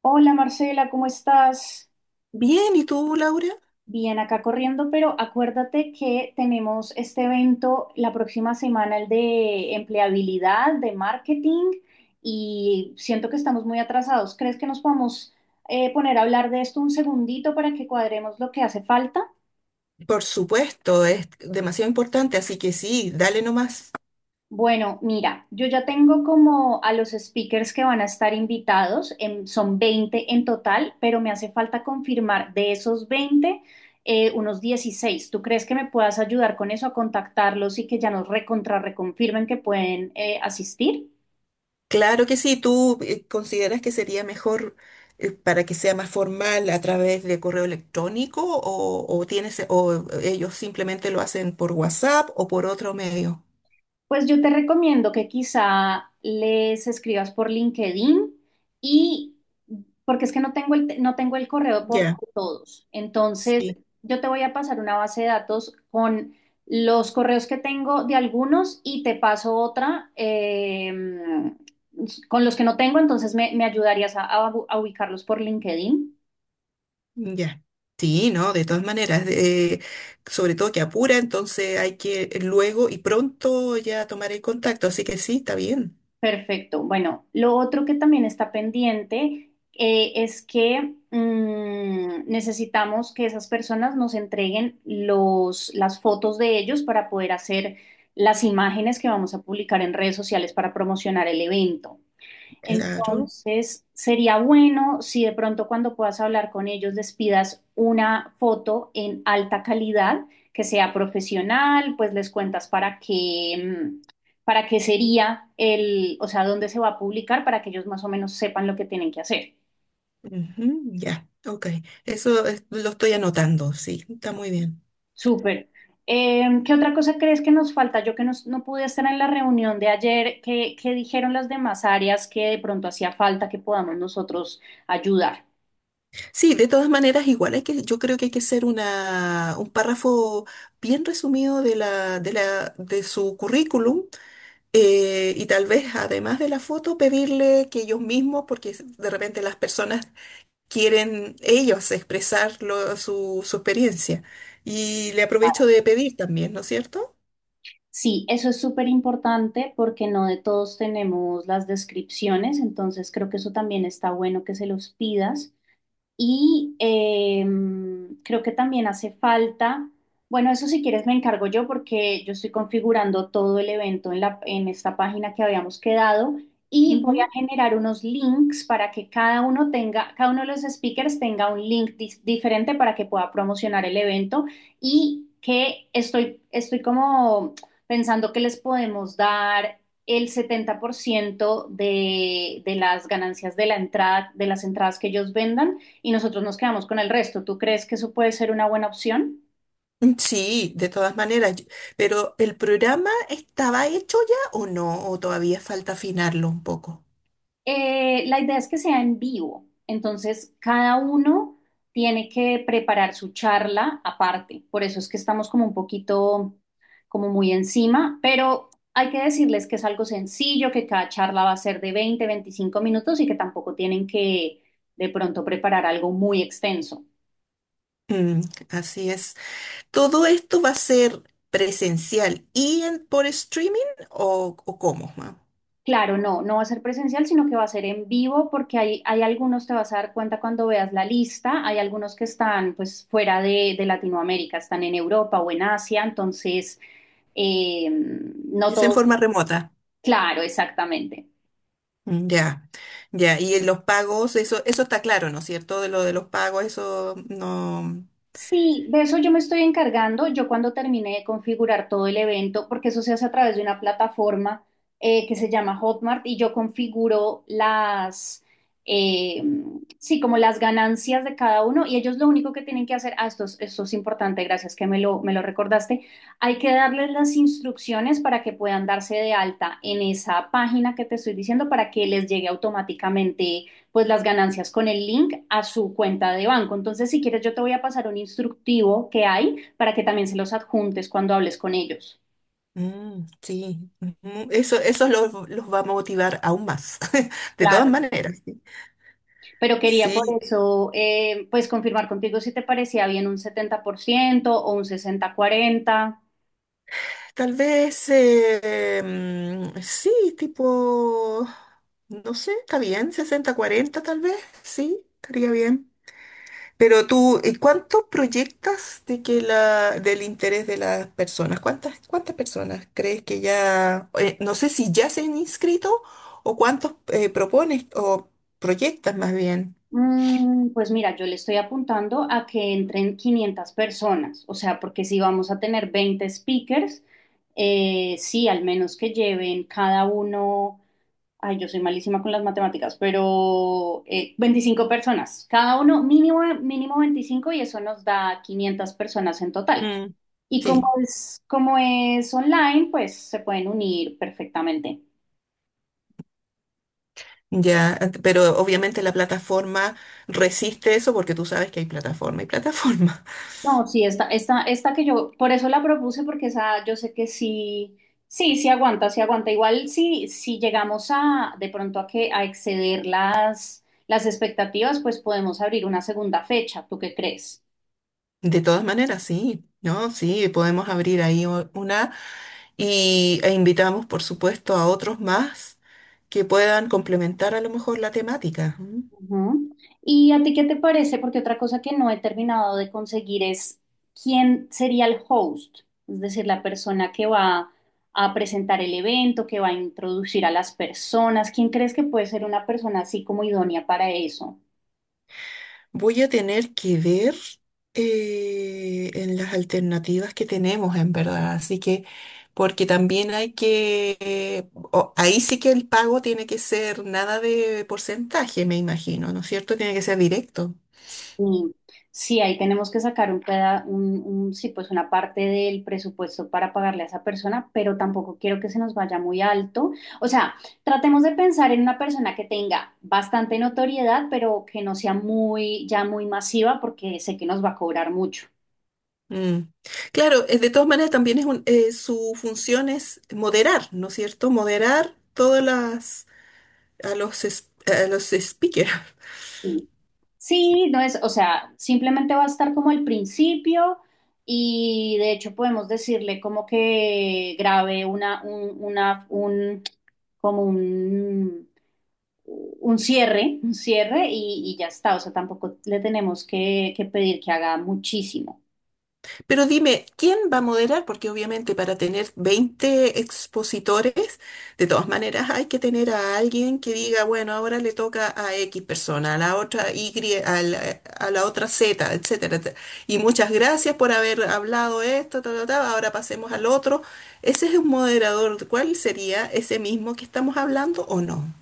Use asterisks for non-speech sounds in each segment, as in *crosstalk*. Hola Marcela, ¿cómo estás? Bien, ¿y tú, Laura? Bien, acá corriendo, pero acuérdate que tenemos este evento la próxima semana, el de empleabilidad, de marketing, y siento que estamos muy atrasados. ¿Crees que nos podemos poner a hablar de esto un segundito para que cuadremos lo que hace falta? Por supuesto, es demasiado importante, así que sí, dale nomás. Bueno, mira, yo ya tengo como a los speakers que van a estar invitados, son 20 en total, pero me hace falta confirmar de esos 20 unos 16. ¿Tú crees que me puedas ayudar con eso a contactarlos y que ya nos recontra reconfirmen que pueden asistir? Claro que sí, tú consideras que sería mejor para que sea más formal a través de correo electrónico o tienes o ellos simplemente lo hacen por WhatsApp o por otro medio. Pues yo te recomiendo que quizá les escribas por LinkedIn y porque es que no tengo no tengo el correo por Ya, todos. Entonces, sí, yo te voy a pasar una base de datos con los correos que tengo de algunos y te paso otra con los que no tengo, entonces me ayudarías a ubicarlos por LinkedIn. ya. Sí, no, de todas maneras, sobre todo que apura, entonces hay que luego y pronto ya tomar el contacto, así que sí, está bien. Perfecto. Bueno, lo otro que también está pendiente es que necesitamos que esas personas nos entreguen las fotos de ellos para poder hacer las imágenes que vamos a publicar en redes sociales para promocionar el evento. Claro. Entonces, sería bueno si de pronto cuando puedas hablar con ellos les pidas una foto en alta calidad, que sea profesional, pues les cuentas para qué, para qué sería el, o sea, dónde se va a publicar para que ellos más o menos sepan lo que tienen que hacer. Ujú, ya, ok. Lo estoy anotando, sí, está muy bien. Súper. ¿Qué otra cosa crees que nos falta? No pude estar en la reunión de ayer, ¿qué dijeron las demás áreas que de pronto hacía falta que podamos nosotros ayudar? Sí, de todas maneras, igual yo creo que hay que hacer un párrafo bien resumido de su currículum, y tal vez además de la foto, pedirle que ellos mismos, porque de repente las personas quieren ellos expresar su experiencia. Y le aprovecho de pedir también, ¿no es cierto? Sí, eso es súper importante porque no de todos tenemos las descripciones, entonces creo que eso también está bueno que se los pidas. Y creo que también hace falta, bueno, eso si quieres me encargo yo porque yo estoy configurando todo el evento en en esta página que habíamos quedado y voy a generar unos links para que cada uno tenga, cada uno de los speakers tenga un diferente para que pueda promocionar el evento y que estoy como pensando que les podemos dar el 70% de las ganancias de la entrada, de las entradas que ellos vendan y nosotros nos quedamos con el resto. ¿Tú crees que eso puede ser una buena opción? Mm, sí, de todas maneras, pero ¿el programa estaba hecho ya o no? ¿O todavía falta afinarlo un poco? La idea es que sea en vivo, entonces cada uno tiene que preparar su charla aparte. Por eso es que estamos como un poquito, como muy encima, pero hay que decirles que es algo sencillo, que cada charla va a ser de 20-25 minutos y que tampoco tienen que de pronto preparar algo muy extenso. Mm, así es. ¿Todo esto va a ser presencial por streaming o cómo? Ma? Claro, no, no va a ser presencial, sino que va a ser en vivo porque hay algunos, te vas a dar cuenta cuando veas la lista, hay algunos que están pues fuera de Latinoamérica, están en Europa o en Asia, entonces no ¿Es en todo, forma remota? claro, exactamente. Mm, ya, ya. Y en los pagos, eso está claro, ¿no es cierto? De lo de los pagos, eso no. Sí, de eso yo me estoy encargando. Yo cuando terminé de configurar todo el evento, porque eso se hace a través de una plataforma que se llama Hotmart y yo configuro eh, sí, como las ganancias de cada uno y ellos lo único que tienen que hacer, ah, esto, esto es importante, gracias que me me lo recordaste, hay que darles las instrucciones para que puedan darse de alta en esa página que te estoy diciendo para que les llegue automáticamente pues las ganancias con el link a su cuenta de banco. Entonces, si quieres, yo te voy a pasar un instructivo que hay para que también se los adjuntes cuando hables con ellos. Mm, sí, ujú. Eso los va a motivar aún más, *laughs* de todas Claro, maneras. Sí. pero quería por Sí. eso, pues confirmar contigo si te parecía bien un 70% o un 60-40. Tal vez, sí, tipo, no sé, está bien, 60-40 tal vez, sí, estaría bien. Pero tú, ¿y cuánto proyectas de que del interés de las personas? ¿Cuántas personas crees que ya, no sé si ya se han inscrito o cuántos propones o proyectas más bien? Pues mira, yo le estoy apuntando a que entren 500 personas, o sea, porque si vamos a tener 20 speakers, sí, al menos que lleven cada uno. Ay, yo soy malísima con las matemáticas, pero 25 personas, cada uno mínimo, mínimo 25 y eso nos da 500 personas en total. Mm. Y Sí, como es online, pues se pueden unir perfectamente. ya, pero obviamente la plataforma resiste eso porque tú sabes que hay plataforma y plataforma. No, sí, esta que yo, por eso la propuse, porque esa yo sé que sí aguanta, sí aguanta. Igual sí, si llegamos a de pronto a que a exceder las expectativas, pues podemos abrir una segunda fecha. ¿Tú qué crees? De todas maneras, sí, ¿no? Sí, podemos abrir ahí una e invitamos, por supuesto, a otros más que puedan complementar a lo mejor la temática. ¿M? Ujú. ¿Y a ti qué te parece? Porque otra cosa que no he terminado de conseguir es quién sería el host, es decir, la persona que va a presentar el evento, que va a introducir a las personas. ¿Quién crees que puede ser una persona así como idónea para eso? Voy a tener que ver en las alternativas que tenemos, en verdad. Así que, porque también ahí sí que el pago tiene que ser nada de porcentaje, me imagino, ¿no es cierto? Tiene que ser directo. Y sí, ahí tenemos que sacar un peda- un- sí, pues una parte del presupuesto para pagarle a esa persona, pero tampoco quiero que se nos vaya muy alto. O sea, tratemos de pensar en una persona que tenga bastante notoriedad, pero que no sea muy, ya muy masiva, porque sé que nos va a cobrar mucho. Mm. Claro, de todas maneras también su función es moderar, ¿no es cierto? Moderar todas las a los es- a los speakers. Sí, sí, no es, o sea, simplemente va a estar como el principio y de hecho podemos decirle como que grabe como un cierre y ya está. O sea, tampoco le tenemos que pedir que haga muchísimo. Pero dime, ¿quién va a moderar? Porque obviamente para tener 20 expositores, de todas maneras hay que tener a alguien que diga, bueno, ahora le toca a X persona, a la otra Y, a la, a la otra Z, etcétera, etcétera. Y muchas gracias por haber hablado esto, ta, ta, ta, ahora pasemos al otro. Ese es un moderador. ¿Cuál sería ese mismo que estamos hablando o no?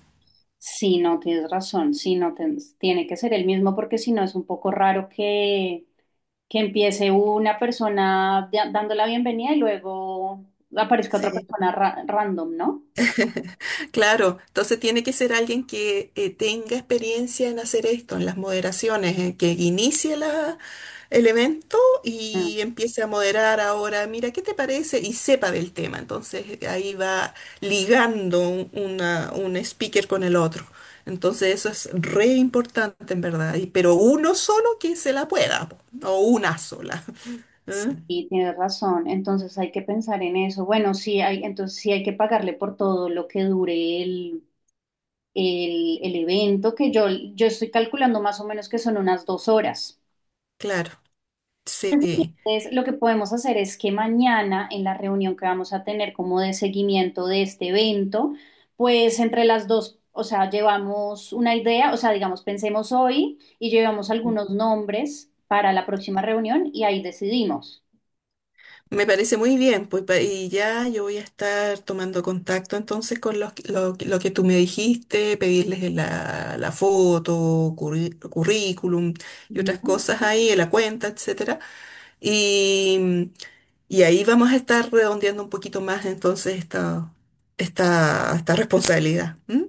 Si no tienes razón, si no tiene que ser el mismo, porque si no es un poco raro que empiece una dando la bienvenida y luego aparezca otra Sí, random, ¿no? claro. Entonces tiene que ser alguien que tenga experiencia en hacer esto, en las moderaciones, en que inicie la el evento Mm, y empiece a moderar ahora, mira, ¿qué te parece? Y sepa del tema. Entonces ahí va ligando un speaker con el otro. Entonces eso es re importante en verdad, pero uno solo que se la pueda, o una sola. *laughs* ¿Eh? y tienes razón, entonces hay que pensar en eso. Bueno, sí hay, entonces sí hay que pagarle por todo lo que dure el evento, que yo estoy calculando más o menos que son unas 2 horas. Claro, sí. Entonces, lo que podemos hacer es que mañana, en la reunión que vamos a tener como de seguimiento de este evento, pues entre las dos, o sea, llevamos una idea, o sea, digamos, pensemos hoy y llevamos algunos nombres para la próxima reunión y ahí decidimos. Me parece muy bien, pues y ya yo voy a estar tomando contacto entonces con lo que tú me dijiste, pedirles la foto, currículum y otras Ujú. cosas ahí, la cuenta, etcétera. Y, y ahí vamos a estar redondeando un poquito más entonces esta responsabilidad. ¿M?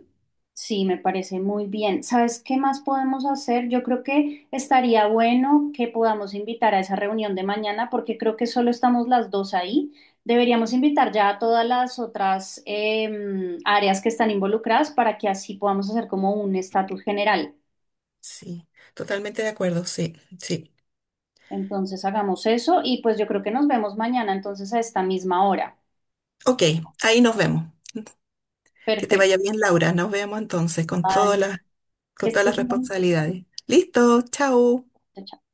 Sí, me parece muy bien. ¿Sabes qué más podemos hacer? Yo creo que estaría bueno que podamos invitar a esa reunión de mañana porque creo que solo estamos las dos ahí. Deberíamos invitar ya a todas las otras áreas que están involucradas para que así podamos hacer como un estatus general. Sí, totalmente de acuerdo, sí, sí. Entonces hagamos eso y pues yo creo que nos vemos mañana entonces a esta misma hora. Ok, ahí nos vemos. Que te Perfecto. vaya bien, Laura. Nos vemos entonces Vale. Que con todas estés las muy bien. responsabilidades. Listo, chao. Chao, chao.